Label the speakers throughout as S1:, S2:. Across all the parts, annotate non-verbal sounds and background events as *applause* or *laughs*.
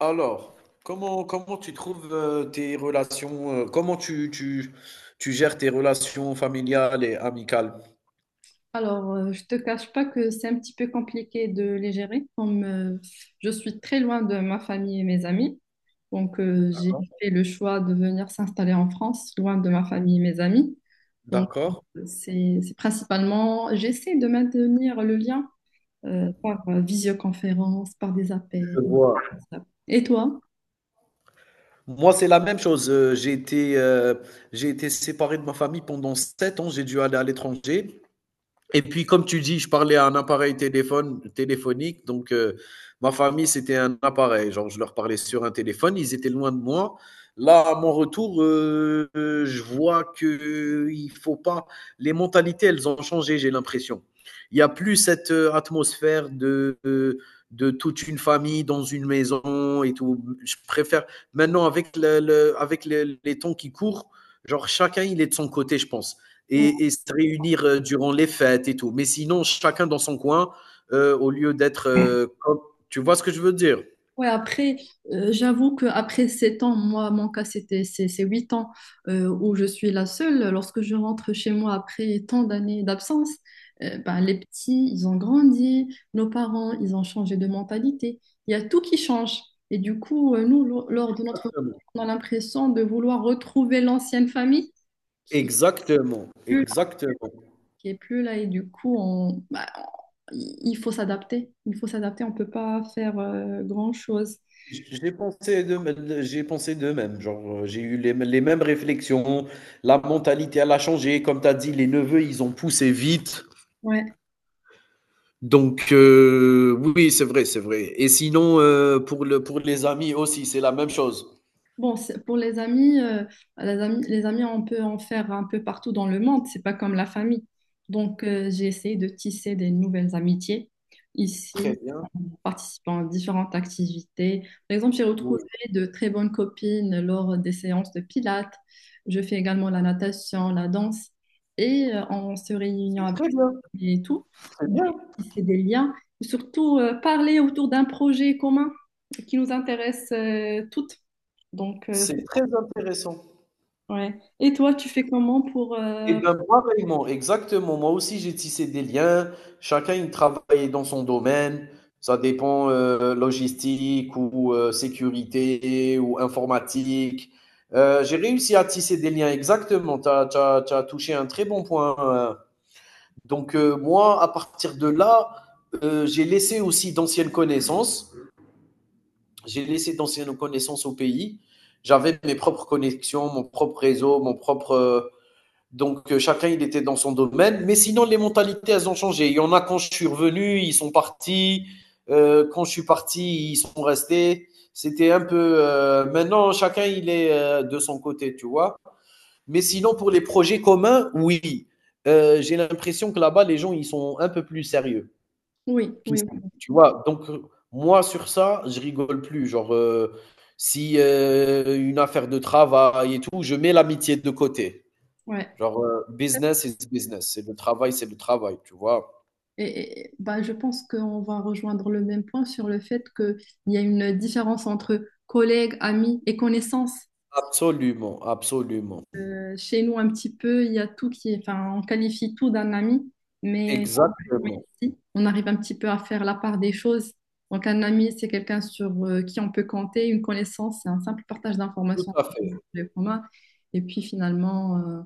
S1: Alors, comment tu trouves tes relations, comment tu gères tes relations familiales et amicales?
S2: Alors, je te cache pas que c'est un petit peu compliqué de les gérer, comme je suis très loin de ma famille et mes amis. Donc, j'ai
S1: D'accord.
S2: fait le choix de venir s'installer en France, loin de ma famille et mes amis. Donc,
S1: D'accord?
S2: c'est principalement, j'essaie de maintenir le lien par visioconférence, par des appels.
S1: Je vois.
S2: Et toi?
S1: Moi, c'est la même chose. J'ai été séparé de ma famille pendant 7 ans. J'ai dû aller à l'étranger. Et puis, comme tu dis, je parlais à un appareil téléphonique. Donc, ma famille, c'était un appareil. Genre, je leur parlais sur un téléphone. Ils étaient loin de moi. Là, à mon retour, je vois que il faut pas. Les mentalités, elles ont changé. J'ai l'impression. Il y a plus cette atmosphère de toute une famille dans une maison et tout. Je préfère maintenant avec avec les temps qui courent. Genre, chacun, il est de son côté, je pense et se réunir durant les fêtes et tout. Mais sinon, chacun dans son coin, au lieu d'être Tu vois ce que je veux dire?
S2: Ouais, après, j'avoue que après 7 ans, moi, mon cas, c'est 8 ans où je suis la seule. Lorsque je rentre chez moi après tant d'années d'absence, ben, les petits, ils ont grandi, nos parents, ils ont changé de mentalité. Il y a tout qui change. Et du coup, nous, lors de notre retour, on a l'impression de vouloir retrouver l'ancienne famille qui est
S1: Exactement,
S2: plus là,
S1: exactement.
S2: qui est plus là. Et du coup, on, bah, il faut s'adapter. Il faut s'adapter, on peut pas faire grand-chose.
S1: J'ai pensé de même, genre j'ai eu les mêmes réflexions, la mentalité elle a changé, comme tu as dit, les neveux ils ont poussé vite,
S2: Ouais.
S1: donc oui c'est vrai, c'est vrai. Et sinon pour les amis aussi c'est la même chose.
S2: Bon, pour les amis, les amis, les amis, on peut en faire un peu partout dans le monde, c'est pas comme la famille. Donc, j'ai essayé de tisser des nouvelles amitiés
S1: Très
S2: ici,
S1: bien,
S2: en participant à différentes activités. Par exemple, j'ai
S1: oui,
S2: retrouvé de très bonnes copines lors des séances de pilates. Je fais également la natation, la danse, et en se réuniant
S1: c'est
S2: avec et tout,
S1: très
S2: on a
S1: bien,
S2: tissé des liens. Surtout, parler autour d'un projet commun qui nous intéresse, toutes. Donc, euh, c'est-
S1: c'est très intéressant.
S2: ouais. Et toi, tu fais comment pour...
S1: Eh ben, pareillement, exactement. Moi aussi, j'ai tissé des liens. Chacun, il travaillait dans son domaine. Ça dépend logistique ou sécurité ou informatique. J'ai réussi à tisser des liens, exactement. Tu as, touché un très bon point. Donc, moi, à partir de là, j'ai laissé aussi d'anciennes connaissances. J'ai laissé d'anciennes connaissances au pays. J'avais mes propres connexions, mon propre réseau, donc, chacun, il était dans son domaine. Mais sinon, les mentalités, elles ont changé. Il y en a quand je suis revenu, ils sont partis. Quand je suis parti, ils sont restés. C'était un peu. Maintenant, chacun, il est de son côté, tu vois. Mais sinon, pour les projets communs, oui. J'ai l'impression que là-bas, les gens, ils sont un peu plus sérieux
S2: Oui, oui,
S1: qu'ici, tu vois. Donc, moi, sur ça, je rigole plus. Genre, si une affaire de travail et tout, je mets l'amitié de côté.
S2: ouais.
S1: Genre, business is business. C'est le travail, tu vois.
S2: Bah, je pense qu'on va rejoindre le même point sur le fait qu'il y a une différence entre collègues, amis et connaissances.
S1: Absolument, absolument.
S2: Chez nous, un petit peu, il y a tout qui est, enfin, on qualifie tout d'un ami, mais mais
S1: Exactement.
S2: ici, on arrive un petit peu à faire la part des choses. Donc, un ami, c'est quelqu'un sur qui on peut compter, une connaissance, c'est un simple partage
S1: Tout
S2: d'informations
S1: à
S2: entre
S1: fait,
S2: les communs. Et puis, finalement,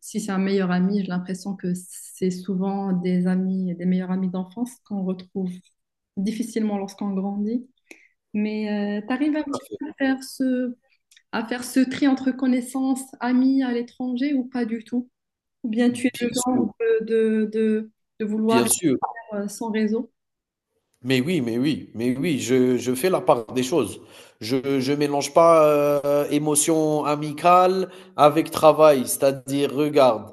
S2: si c'est un meilleur ami, j'ai l'impression que c'est souvent des amis, des meilleurs amis d'enfance qu'on retrouve difficilement lorsqu'on grandit. Mais tu arrives un
S1: tout à
S2: petit
S1: fait.
S2: peu à faire ce tri entre connaissances, amis à l'étranger ou pas du tout? Ou bien tu es
S1: Bien
S2: le
S1: sûr,
S2: genre de, de, de- de vouloir
S1: bien
S2: être
S1: sûr.
S2: sans réseau?
S1: Mais oui, mais oui, mais oui, je fais la part des choses. Je mélange pas émotion amicale avec travail. C'est-à-dire, regarde,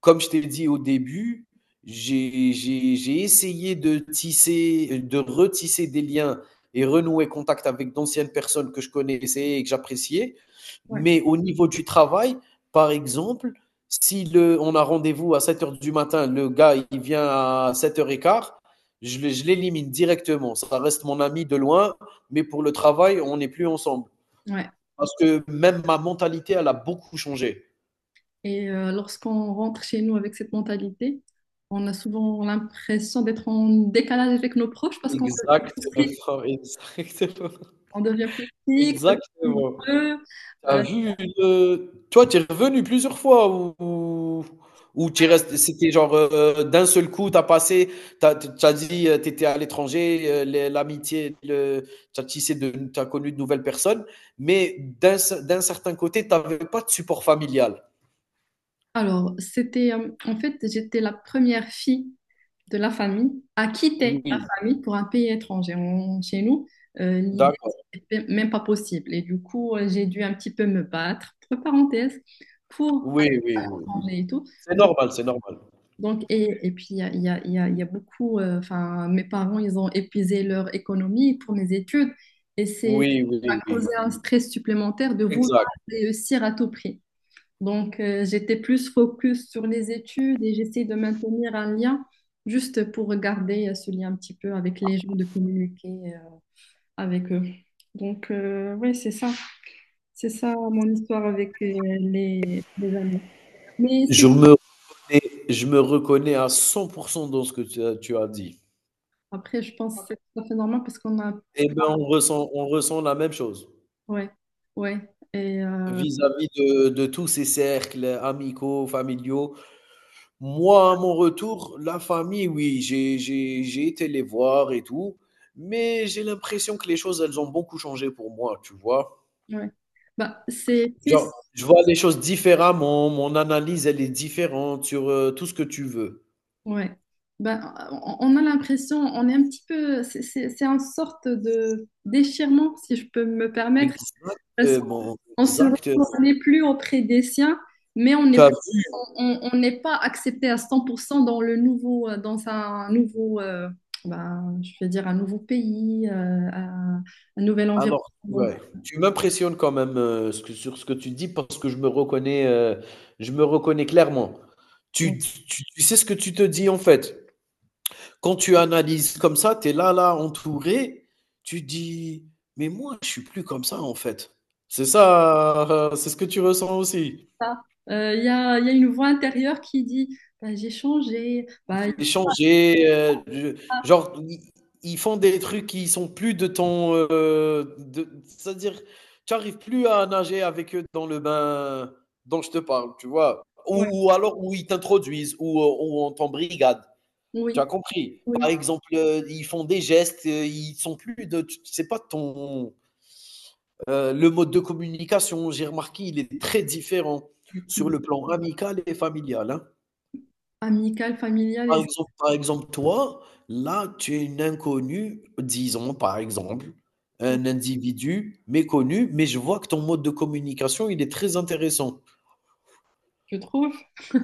S1: comme je t'ai dit au début, j'ai essayé de tisser, de retisser des liens et renouer contact avec d'anciennes personnes que je connaissais et que j'appréciais.
S2: Ouais.
S1: Mais au niveau du travail, par exemple, si le, on a rendez-vous à 7 heures du matin, le gars, il vient à sept heures 15. Je l'élimine directement. Ça reste mon ami de loin, mais pour le travail, on n'est plus ensemble.
S2: Ouais.
S1: Parce que même ma mentalité, elle a beaucoup changé.
S2: Et lorsqu'on rentre chez nous avec cette mentalité, on a souvent l'impression d'être en décalage avec nos proches parce qu'on devient
S1: Exactement,
S2: plus strict,
S1: *laughs* exactement,
S2: on devient plus strict, plus
S1: exactement.
S2: rigoureux.
S1: T'as
S2: Euh,
S1: vu une toi, t'es revenu plusieurs fois ou tu resté c'était genre, d'un seul coup, t'as passé T'as as dit, tu à l'étranger, les l'amitié, le tu tissé de t'as connu de nouvelles personnes, mais d'un ce d'un certain côté, t'avais pas de support familial?
S2: alors, c'était, en fait, j'étais la première fille de la famille à quitter la
S1: Oui,
S2: famille pour un pays étranger. Chez nous, l'idée,
S1: d'accord.
S2: c'était même pas possible. Et du coup, j'ai dû un petit peu me battre, entre parenthèses, pour aller
S1: Oui, oui,
S2: à
S1: oui.
S2: l'étranger et tout.
S1: C'est
S2: Donc,
S1: normal, c'est normal.
S2: il y a, il y a- il y a- il y a beaucoup, enfin, mes parents, ils ont épuisé leur économie pour mes études. Et c'est,
S1: Oui,
S2: ça
S1: oui,
S2: a causé
S1: oui.
S2: un stress supplémentaire de vouloir
S1: Exact.
S2: réussir à tout prix. Donc, j'étais plus focus sur les études et j'essayais de maintenir un lien juste pour garder ce lien un petit peu avec les gens, de communiquer euh, avec eux. Donc, oui, c'est ça. C'est ça mon histoire avec les amis. Mais c'est
S1: Je me reconnais je me reconnais à 100 dans ce que tu as dit.
S2: après, je pense que c'est tout à fait normal parce qu'on a...
S1: Eh ben, on ressent la même chose.
S2: Ouais, ouais. Et
S1: Vis-à-vis de tous ces cercles amicaux, familiaux. Moi, à mon retour, la famille, oui, j'ai été les voir et tout, mais j'ai l'impression que les choses, elles ont beaucoup changé pour moi, tu vois?
S2: ouais. Bah, c'est triste.
S1: Genre, je vois les choses différemment, mon analyse, elle est différente sur, tout ce que tu veux.
S2: Ouais. Ben, on a l'impression, on est un petit peu, c'est une sorte de déchirement, si je peux me permettre, parce
S1: Exactement,
S2: qu'
S1: exactement.
S2: on n'est plus auprès des siens, mais on
S1: Tu
S2: n'est plus,
S1: vu?
S2: on n'est pas accepté à 100% dans le nouveau, dans un nouveau, ben, je vais dire un nouveau pays, un nouvel environnement.
S1: Alors,
S2: Donc,
S1: ouais, tu m'impressionnes quand même, ce que sur ce que tu dis parce que je me reconnais clairement.
S2: donc
S1: Tu tu sais ce que tu te dis, en fait. Quand tu analyses comme ça, tu es là, là, entouré, tu dis: «Mais moi, je suis plus comme ça, en fait». C'est ça, c'est ce que tu ressens aussi?
S2: ça, il y a une voix intérieure qui dit, Ben, j'ai changé, Ben,
S1: J'ai changé, je
S2: a-
S1: genre, ils font des trucs qui sont plus de ton, de c'est-à-dire, tu arrives plus à nager avec eux dans le bain dont je te parle, tu vois?
S2: ouais,
S1: Ou alors où ils t'introduisent, ou on t'embrigade, tu as
S2: oui,
S1: compris?
S2: oui.
S1: Par exemple, ils font des gestes, ils sont plus de t c'est pas ton, le mode de communication, j'ai remarqué, il est très différent sur le plan amical et familial, hein.
S2: Amical, familial et
S1: Par exemple, toi, là, tu es une inconnue, disons, par exemple, un individu méconnu, mais je vois que ton mode de communication, il est très intéressant.
S2: je trouve.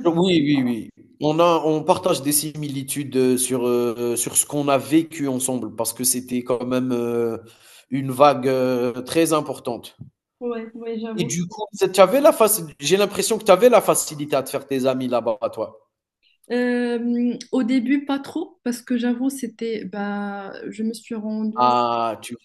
S1: Oui, oui, oui. On partage des similitudes, sur ce qu'on a vécu ensemble parce que c'était quand même, une vague, très importante
S2: Ouais, ouais,
S1: et
S2: j'avoue.
S1: du coup, tu avais la faci j'ai l'impression que tu avais la facilité à te faire tes amis là-bas, toi.
S2: Au début, pas trop, parce que j'avoue, c'était, bah, je me suis rendue
S1: Ah, tu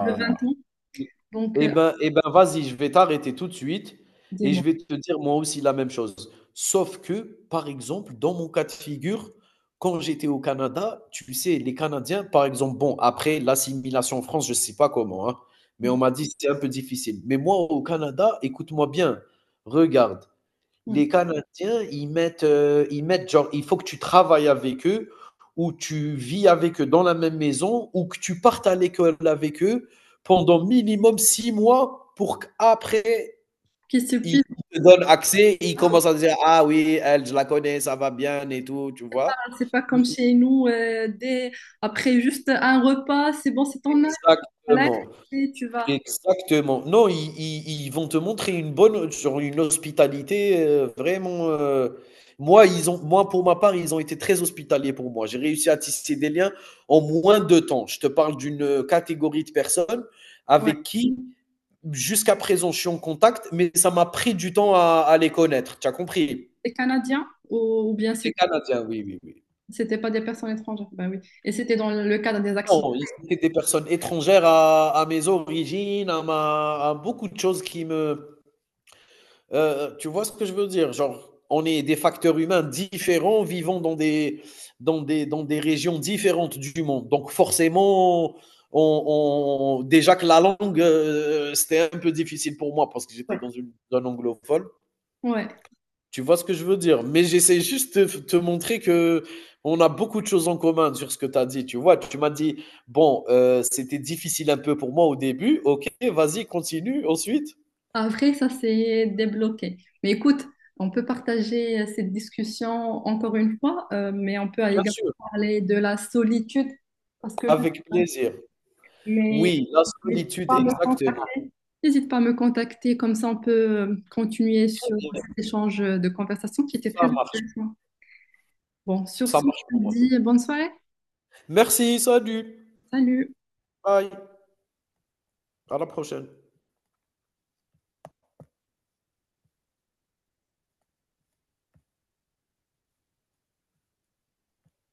S2: de 20 ans,
S1: Mmh.
S2: donc
S1: Eh ben, vas-y, je vais t'arrêter tout de suite et je
S2: dis-moi.
S1: vais te dire moi aussi la même chose. Sauf que, par exemple, dans mon cas de figure, quand j'étais au Canada, tu sais, les Canadiens, par exemple, bon, après l'assimilation en France, je ne sais pas comment, hein, mais on m'a dit: que «C'était un peu difficile». Mais moi, au Canada, écoute-moi bien, regarde,
S2: Hmm.
S1: les Canadiens, ils mettent genre, il faut que tu travailles avec eux ou tu vis avec eux dans la même maison ou que tu partes à l'école avec eux pendant minimum 6 mois pour qu'après
S2: Qui se
S1: ils
S2: pile,
S1: te donnent accès, ils
S2: ah,
S1: commencent à dire: «Ah oui, elle, je la connais, ça va bien et tout», tu vois?
S2: bah, c'est pas comme
S1: Oui,
S2: chez nous, dès, après juste un repas, c'est bon, c'est ton âge, voilà,
S1: exactement.
S2: et tu vas.
S1: Exactement. Non, ils vont te montrer une bonne sur une hospitalité, vraiment, moi, pour ma part, ils ont été très hospitaliers pour moi. J'ai réussi à tisser des liens en moins de temps. Je te parle d'une, catégorie de personnes
S2: Ouais.
S1: avec qui, jusqu'à présent, je suis en contact, mais ça m'a pris du temps à les connaître. Tu as compris?
S2: Les Canadiens, ou bien
S1: C'était canadien, oui, oui, oui.
S2: c'était pas des personnes étrangères, bah oui. Et c'était dans le cadre des accidents.
S1: Non, ils étaient des personnes étrangères à mes origines, à beaucoup de choses qui me Tu vois ce que je veux dire? Genre, on est des facteurs humains différents vivant dans des régions différentes du monde. Donc forcément, on on déjà que la langue, c'était un peu difficile pour moi parce que j'étais
S2: Ouais,
S1: dans une zone anglophone.
S2: ouais.
S1: Tu vois ce que je veux dire? Mais j'essaie juste de te montrer que on a beaucoup de choses en commun sur ce que tu as dit, tu vois? Tu m'as dit: «Bon, c'était difficile un peu pour moi au début». OK, vas-y, continue, ensuite?
S2: Après, ça s'est débloqué. Mais écoute, on peut partager cette discussion encore une fois, mais on peut
S1: Bien
S2: également
S1: sûr,
S2: parler de la solitude parce que là,
S1: avec plaisir.
S2: mais
S1: Oui, la
S2: n'hésite
S1: solitude,
S2: pas à me
S1: exactement.
S2: contacter, comme ça on peut continuer
S1: Très
S2: sur
S1: bien.
S2: cet échange de conversation qui était
S1: Ça
S2: très
S1: marche,
S2: intéressant. Bon, sur
S1: ça
S2: ce,
S1: marche
S2: je
S1: pour
S2: te
S1: moi.
S2: dis bonne soirée.
S1: Merci, salut.
S2: Salut.
S1: Bye. À la prochaine.